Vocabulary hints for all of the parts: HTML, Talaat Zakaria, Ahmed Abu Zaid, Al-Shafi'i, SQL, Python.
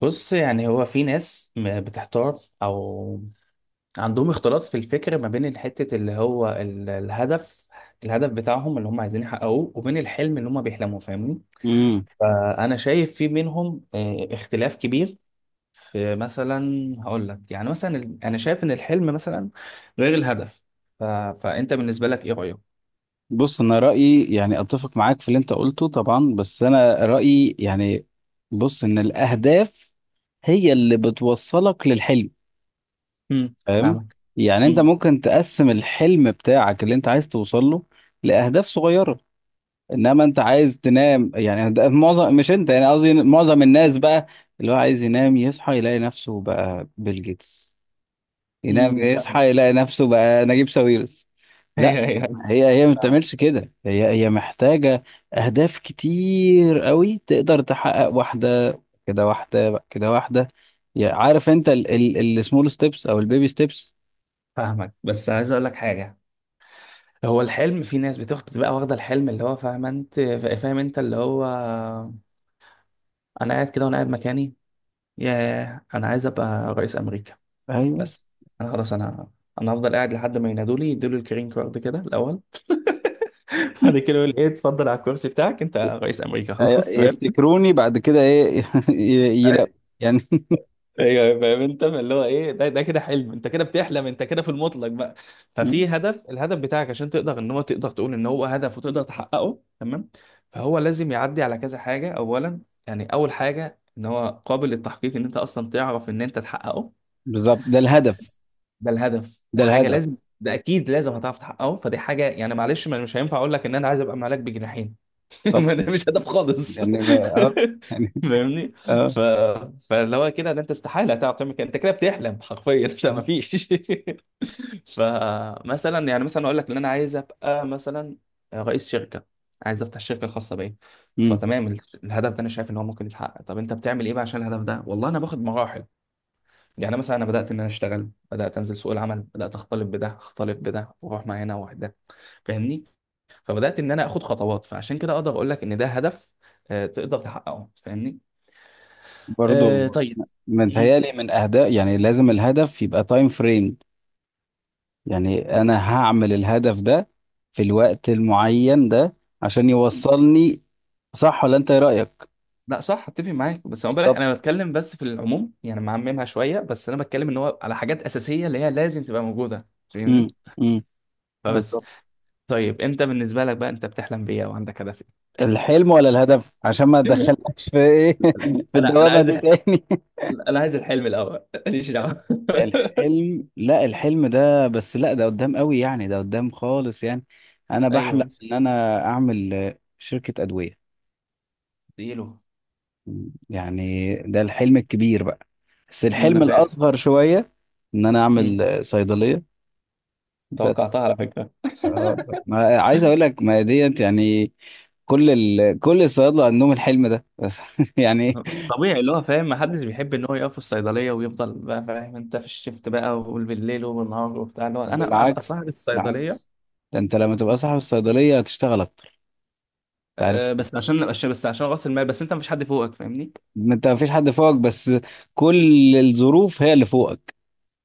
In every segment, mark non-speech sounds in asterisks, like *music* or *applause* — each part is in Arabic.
بص، يعني هو في ناس بتحتار او عندهم اختلاط في الفكر ما بين الحتة اللي هو الهدف بتاعهم اللي هم عايزين يحققوه وبين الحلم اللي هم بيحلموا، فاهمني؟ امم فانا شايف في بينهم اختلاف كبير. في مثلا، هقول لك يعني مثلا انا شايف ان الحلم مثلا غير الهدف. ف... فانت بالنسبة لك ايه رأيك؟ بص، انا رايي، اتفق معاك في اللي انت قلته طبعا، بس انا رايي بص ان الاهداف هي اللي بتوصلك للحلم. امم فاهم فاهمك. يعني؟ انت امم ممكن تقسم الحلم بتاعك اللي انت عايز توصل له لاهداف صغيره. انما انت عايز تنام، يعني ده معظم، مش انت يعني قصدي معظم الناس بقى اللي هو عايز ينام يصحى يلاقي نفسه بقى بيل جيتس، ينام فاهمك. يصحى يلاقي نفسه بقى نجيب ساويرس. *laughs* لا، ايوه، ايوه. هي ما أيوة. بتعملش كده، هي محتاجة أهداف كتير قوي. تقدر تحقق واحدة كده، واحدة كده، واحدة. عارف أنت السمول ستيبس أو البيبي ستيبس؟ فاهمك، بس عايز اقول لك حاجة. هو الحلم، في ناس بتاخد، بتبقى واخدة الحلم، اللي هو فاهم انت، اللي هو انا قاعد كده وانا قاعد مكاني، ياه، انا عايز ابقى رئيس امريكا أيوه. بس. انا خلاص، انا هفضل قاعد لحد ما ينادوا لي، يدوا لي الكرين كارد كده الاول، *laughs* بعد كده يقول ايه، اتفضل على الكرسي بتاعك انت رئيس امريكا أيوة، خلاص، فاهم؟ يفتكروني بعد كده إيه *laughs* يلاقوا يعني. ايوه، فاهم انت اللي هو ايه ده، ده كده حلم، انت كده بتحلم انت كده في المطلق بقى. ففي *laughs* هدف، الهدف بتاعك عشان تقدر ان هو تقدر تقول ان هو هدف وتقدر تحققه، تمام. فهو لازم يعدي على كذا حاجه اولا. يعني اول حاجه ان هو قابل للتحقيق، ان انت اصلا تعرف ان انت تحققه. بالظبط، ده الهدف. ده الهدف، ده ده حاجه الهدف لازم، ده اكيد لازم هتعرف تحققه. فدي حاجه يعني، معلش، مش هينفع اقول لك ان انا عايز ابقى ملاك بجناحين. *laughs* طبعا. ما ده مش هدف خالص. *laughs* يعني ما- اه يعني فاهمني؟ اه ف... فاللي هو كده، ده انت استحاله هتعرف تعمل كده، انت كده بتحلم حرفيا. *laughs* لا، ما آه. فيش. *laughs* فمثلا يعني، مثلا اقول لك ان انا عايز ابقى مثلا رئيس شركه، عايز افتح شركه خاصه بيا. مم. فتمام، الهدف ده انا شايف ان هو ممكن يتحقق. طب انت بتعمل ايه بقى عشان الهدف ده؟ والله انا باخد مراحل. يعني مثلا انا بدات ان انا اشتغل، بدات انزل سوق العمل، بدات اختلط بده، اختلط بده، واروح مع هنا واحده، فاهمني؟ فبدات ان انا اخد خطوات، فعشان كده اقدر اقول لك ان ده هدف، تقدر تحققه، فاهمني؟ آه، برضو، طيب. مم. متهيألي من أهداف يعني لازم الهدف يبقى تايم فريم. يعني أنا هعمل الهدف ده في الوقت المعين ده عشان يوصلني. صح ولا أنت إيه رأيك؟ لا صح، اتفق معاك. بس انا بالك بالظبط. انا بتكلم، بس في العموم يعني، معممها شويه. بس انا بتكلم ان هو على حاجات اساسيه اللي هي لازم تبقى موجوده، فاهمني؟ امم. امم. فبس. بالظبط. طيب انت بالنسبه لك بقى، انت بتحلم بيه او عندك هدف؟ الحلم ولا الهدف؟ عشان ما إيه؟ تدخلكش في إيه *laughs* *laughs* في انا الدوامة عايز دي تاني. انا عايز الحلم الاول، ماليش دعوه. *laughs* الحلم. لا الحلم ده بس، لا ده قدام قوي يعني، ده قدام خالص يعني. أنا *laughs* ايوه، بحلم ماشي. إن أنا أعمل، آه، شركة أدوية. اديله. يعني ده الحلم الكبير بقى، بس ما انا الحلم فاهم. الأصغر شوية إن أنا مم. أعمل، آه، صيدلية. بس، توقعتها على فكره. آه، ما عايز أقول لك ما ديت يعني، كل كل الصيادلة عندهم الحلم ده بس *laughs* يعني. طبيعي، اللي هو فاهم، محدش بيحب ان هو يقف في الصيدليه ويفضل بقى، فاهم انت، في الشيفت بقى وبالليل وبالنهار وبتاع، اللي هو انا ابقى بالعكس، صاحب الصيدليه. بالعكس. ده أنت لما تبقى صاحب الصيدلية هتشتغل أكتر، أنت عارف. أه، بس عشان راس المال، بس انت مفيش حد فوقك، فاهمني؟ ما أنت مفيش حد فوقك، بس كل الظروف هي اللي فوقك.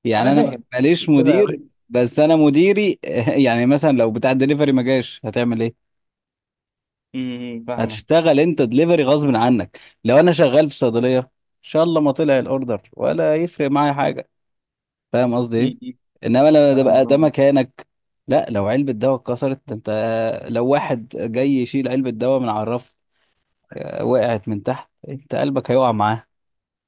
يعني انا أنا فاهم. ماليش مدير، فاهم بس أنا مديري. *laughs* يعني مثلا لو بتاع الدليفري ما جاش هتعمل إيه؟ فاهمه. هتشتغل انت دليفري غصب عنك. لو انا شغال في صيدليه ان شاء الله ما طلع الاوردر ولا يفرق معايا حاجه. فاهم قصدي ايه؟ إمم، انما لما ده بقى فاهمك. ده أه، مكانك، لا لو علبه دواء اتكسرت ده انت، لو واحد جاي يشيل علبه دواء من على الرف، آه، وقعت من تحت انت قلبك هيقع معاه.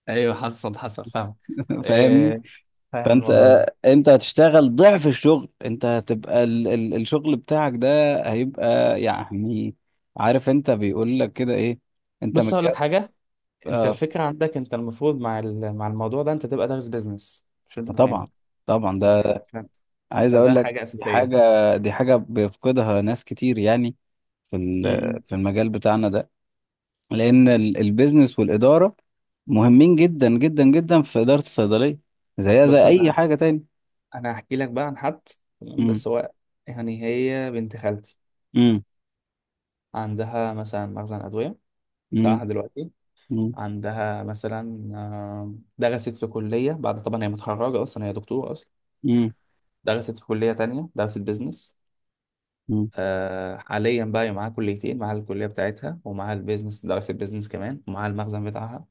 ايوه، حصل، حصل، فاهم. *laughs* فاهمني. أه، فاهم فانت الموضوع ده. انت هتشتغل ضعف الشغل، انت هتبقى الشغل بتاعك ده هيبقى يعني، عارف انت بيقول لك كده ايه، انت بص هقول لك متكافئ. حاجه، انت الفكره عندك، انت المفروض مع مع الموضوع ده انت تبقى دارس بيزنس، مش انت فاهم؟ طبعا، طبعا ده، فاهم، فهمت. عايز اقول فده لك حاجه دي حاجه. اساسيه. دي حاجه بيفقدها ناس كتير يعني في امم، إمم. في المجال بتاعنا ده. لان البيزنس والاداره مهمين جدا جدا جدا في اداره الصيدليه، زيها زي بص اي انا، حاجه تاني. هحكي لك بقى عن حد، تمام. امم بس هو يعني هي بنت خالتي امم عندها مثلا مخزن ادويه بتاعها امم دلوقتي. امم عندها مثلا درست في كليه، بعد طبعا هي متخرجه اصلا، هي دكتوره اصلا، امم درست في كليه تانية، درست بيزنس. أمم. حاليا بقى هي معاها كليتين، معاها الكليه بتاعتها ومعاها البيزنس، درست بيزنس كمان، ومعاها المخزن بتاعها.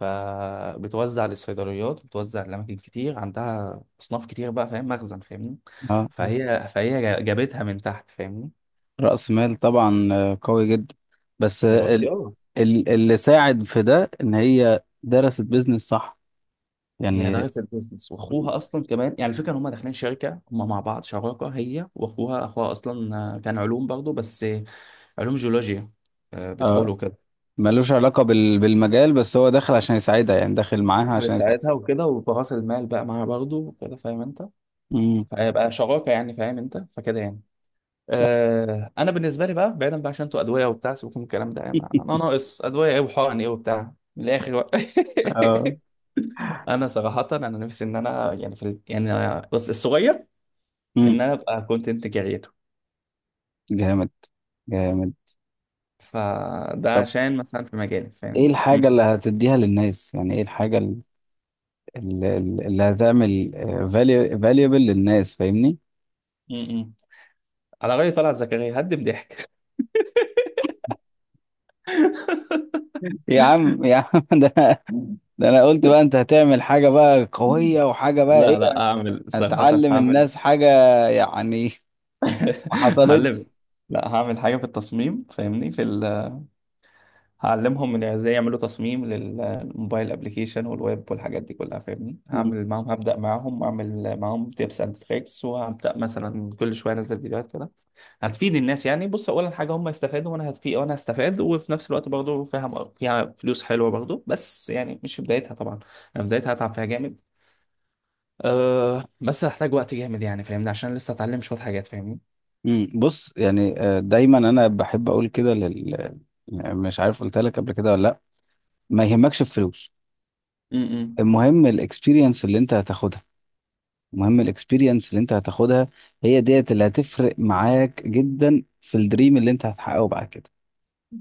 فبتوزع للصيدليات، بتوزع لأماكن كتير، عندها أصناف كتير بقى، فاهم، مخزن، فاهمني؟ اه، آه. فهي جابتها من تحت، فاهمني؟ راس مال طبعا، آه، قوي جدا. بس، آه، دلوقتي اه. اللي ساعد في ده ان هي درست بيزنس، صح؟ هي يعني دارسة البيزنس واخوها اصلا كمان، يعني الفكره ان هم داخلين شركه هم مع بعض شراكه، هي واخوها. اخوها اصلا كان علوم برضه، بس علوم جيولوجيا، اه، بتقولوا كده. ملوش علاقة بالمجال، بس هو داخل عشان يساعدها، يعني داخل معاها دخلت عشان يساعدها. ساعتها وكده، وبراس المال بقى معاها برضه وكده، فاهم انت؟ امم. فهيبقى شراكه يعني، فاهم انت، فكده يعني. لا. انا بالنسبه لي بقى، بعيدا بقى عشان انتوا ادويه وبتاع، سيبكم من الكلام ده يعني، انا *laughs* ناقص ادويه ايه وحقن ايه وبتاع، من الاخر بقى. *laughs* اه. انا صراحه، انا نفسي ان انا يعني في يعني بس الصغير، امم. ان انا ابقى كونتنت كريتور. جامد، جامد. فده طب عشان مثلا في مجالي، ايه فاهمني؟ الحاجة مم. اللي هتديها للناس؟ يعني ايه الحاجة اللي هتعمل فاليوبل للناس؟ فاهمني. مم. على رأي طلعت زكريا، هدم ضحك. *laughs* يا عم، يا عم. *laughs* ده، ده انا قلت بقى انت هتعمل حاجة بقى *laughs* قوية، وحاجة بقى ايه، لا لا، اعمل صراحة هتعلم هعمل. الناس حاجة يعني. *laughs* *laughs* ما هعلم. حصلتش. لا، هعمل حاجة في التصميم، فاهمني؟ في هعلمهم من ازاي يعملوا تصميم للموبايل ابلكيشن والويب والحاجات دي كلها، فاهمني؟ هعمل معاهم، هبدأ معاهم، اعمل معاهم تيبس اند تريكس، وهبدأ مثلا كل شوية انزل فيديوهات كده هتفيد الناس يعني. بص اولا حاجه، هم يستفادوا وانا هتفيد وانا هستفاد، وفي نفس الوقت برضه فيها، فيها فلوس حلوه برضه، بس يعني مش في بدايتها طبعا. انا بدايتها هتعب فيها جامد. أه، بس هحتاج وقت جامد يعني، فاهمني؟ عشان لسه اتعلم شويه حاجات، فاهمني؟ مم، بص يعني، آه، دايما انا بحب اقول كده لل، يعني مش عارف قلت لك قبل كده ولا لا، ما يهمكش الفلوس. امم المهم الاكسبيرينس اللي انت هتاخدها، المهم الاكسبيرينس اللي انت هتاخدها، هي ديت اللي هتفرق معاك جدا في الدريم اللي انت هتحققه بعد كده.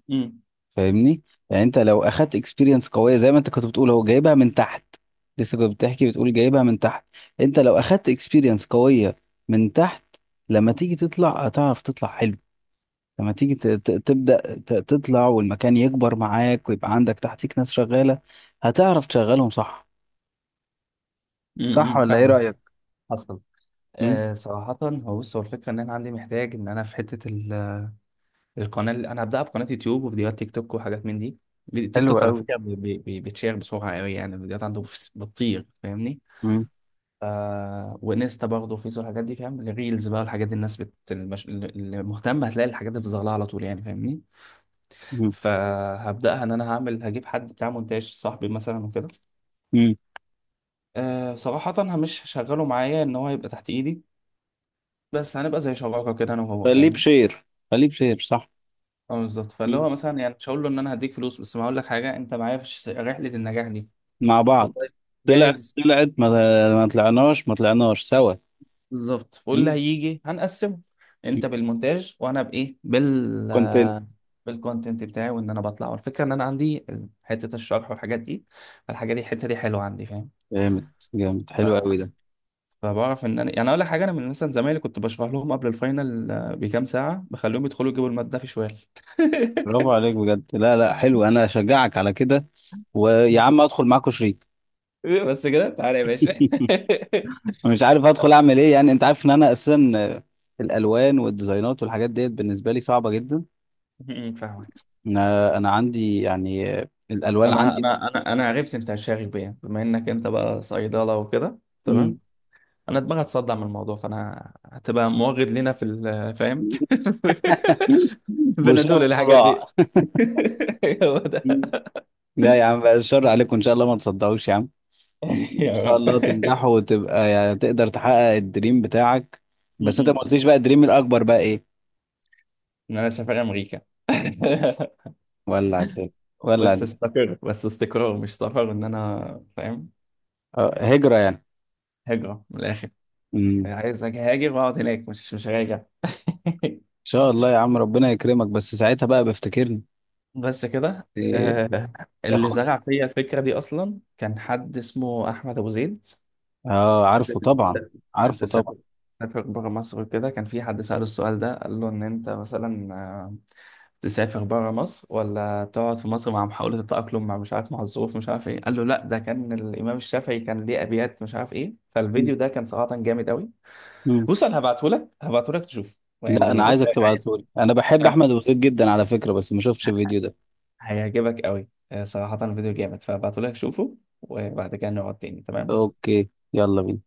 امم فاهمني؟ يعني انت لو اخدت اكسبيرينس قويه، زي ما انت كنت بتقول هو جايبها من تحت، لسه كنت بتحكي بتقول جايبها من تحت، انت لو اخدت اكسبيرينس قويه من تحت، لما تيجي تطلع هتعرف تطلع حلو. لما تيجي تبدأ تطلع والمكان يكبر معاك ويبقى عندك تحتيك ناس شغالة، هتعرف تشغلهم صح. صح امم، ولا ايه فاهم. رأيك؟ حصل. مم. أه صراحة، هو بص، هو الفكرة إن أنا عندي، محتاج إن أنا في حتة القناة اللي أنا هبدأها، بقناة يوتيوب وفيديوهات تيك توك وحاجات من دي. فيديو، تيك حلو توك على قوي. فكرة، بتشير بسرعة قوي يعني، الفيديوهات عنده بتطير، فاهمني؟ مم. وانستا برضه، فيس والحاجات دي، فاهم؟ الريلز بقى والحاجات دي، الناس اللي مهتم هتلاقي الحاجات دي في ظهرها على طول يعني، فاهمني؟ مم. فهبداها ان انا هعمل، هجيب حد بتاع مونتاج صاحبي مثلا وكده. مم. آه صراحه، أنا مش هشغله معايا ان هو يبقى تحت ايدي، بس هنبقى زي شراكه كده، انا وهو، خليه فاهمني؟ بشير، خليه بشير، صح. اه بالظبط، فاللي مم. هو مثلا، يعني مش هقول له ان انا هديك فلوس، بس ما هقول لك حاجه، انت معايا في رحله النجاح دي. مع بعض. والله، طلع، جاهز. طلعت ما, ما طلعناش، ما طلعناش سوا. بالظبط، فاللي مم. هيجي هنقسمه. مم. انت بالمونتاج وانا بايه، كونتنت. بالكونتنت بتاعي، وان انا بطلع. والفكره ان انا عندي حته الشرح والحاجات دي، الحاجه دي، الحته دي حلوه عندي، فاهم؟ جامد، جامد، حلو ف- قوي ده. فبعرف ان انا يعني، اقول لك حاجه، انا من مثلا زمايلي كنت بشرح لهم قبل الفاينل بكام ساعه، بخليهم يدخلوا يجيبوا الماده في شوال. برافو عليك بجد، لا لا حلو، انا اشجعك على كده. ويا عم ادخل معاكوا شريك. *laughs* بس كده، تعالى يا باشا. *laughs* مش عارف ادخل اعمل ايه، يعني انت عارف ان انا اساسا، آه، الالوان والديزاينات والحاجات ديت بالنسبه لي صعبه جدا. م- م، فاهمك. انا انا عندي يعني، آه، الالوان انا عندي. انا انا انا عرفت انت شاغب بيه، بما انك انت بقى صيدله وكده، مم. تمام. انا دماغي هتصدع من الموضوع، فانا هتبقى موجد لنا في فاهم. *laughs* *laughs* برشام بنادول الحاجات الصداع. دي. *laughs* هو ده. مم. لا يا عم بقى، الشر عليكم، ان شاء الله ما تصدقوش يا عم. مم. ان يا شاء رب. الله تنجحوا، وتبقى يعني تقدر تحقق الدريم بتاعك. بس انت م-م. ما قلتليش بقى الدريم الاكبر بقى ايه؟ ان انا سافر امريكا. *laughs* ولا الدنيا، ولا بس الدنيا. استقر، بس استقرار مش سفر، ان انا فاهم. آه، هجره يعني. هجرة من الاخر. مم. ان عايز هاجر واقعد هناك، مش، مش راجع. شاء الله يا عم، ربنا يكرمك، بس ساعتها بقى بفتكرني. *laughs* بس كده، إيه، اللي خد. زرع فيا الفكرة دي اصلا كان حد اسمه احمد ابو زيد. اه، عارفه فاتت ان انت، طبعا. ان انت عارفه طبعا. تسافر، تسافر بره مصر وكده. كان في حد سأله السؤال ده، قال له ان انت مثلا تسافر بره مصر ولا تقعد في مصر مع محاولة التأقلم مع، مش عارف، مع الظروف، مش عارف ايه. قال له لا، ده كان الإمام الشافعي كان ليه أبيات، مش عارف ايه. مم. فالفيديو ده كان صراحة جامد قوي. مم. بص انا هبعته لك، هبعته لك تشوف لا يعني، انا بص، عايزك تبعتهولي، انا بحب هي- احمد وزيد جدا على فكرة، بس ما شفتش الفيديو ده. هيعجبك قوي. صراحة الفيديو جامد، فهبعته لك شوفه، وبعد كده نقعد تاني، تمام. اوكي، يلا بينا.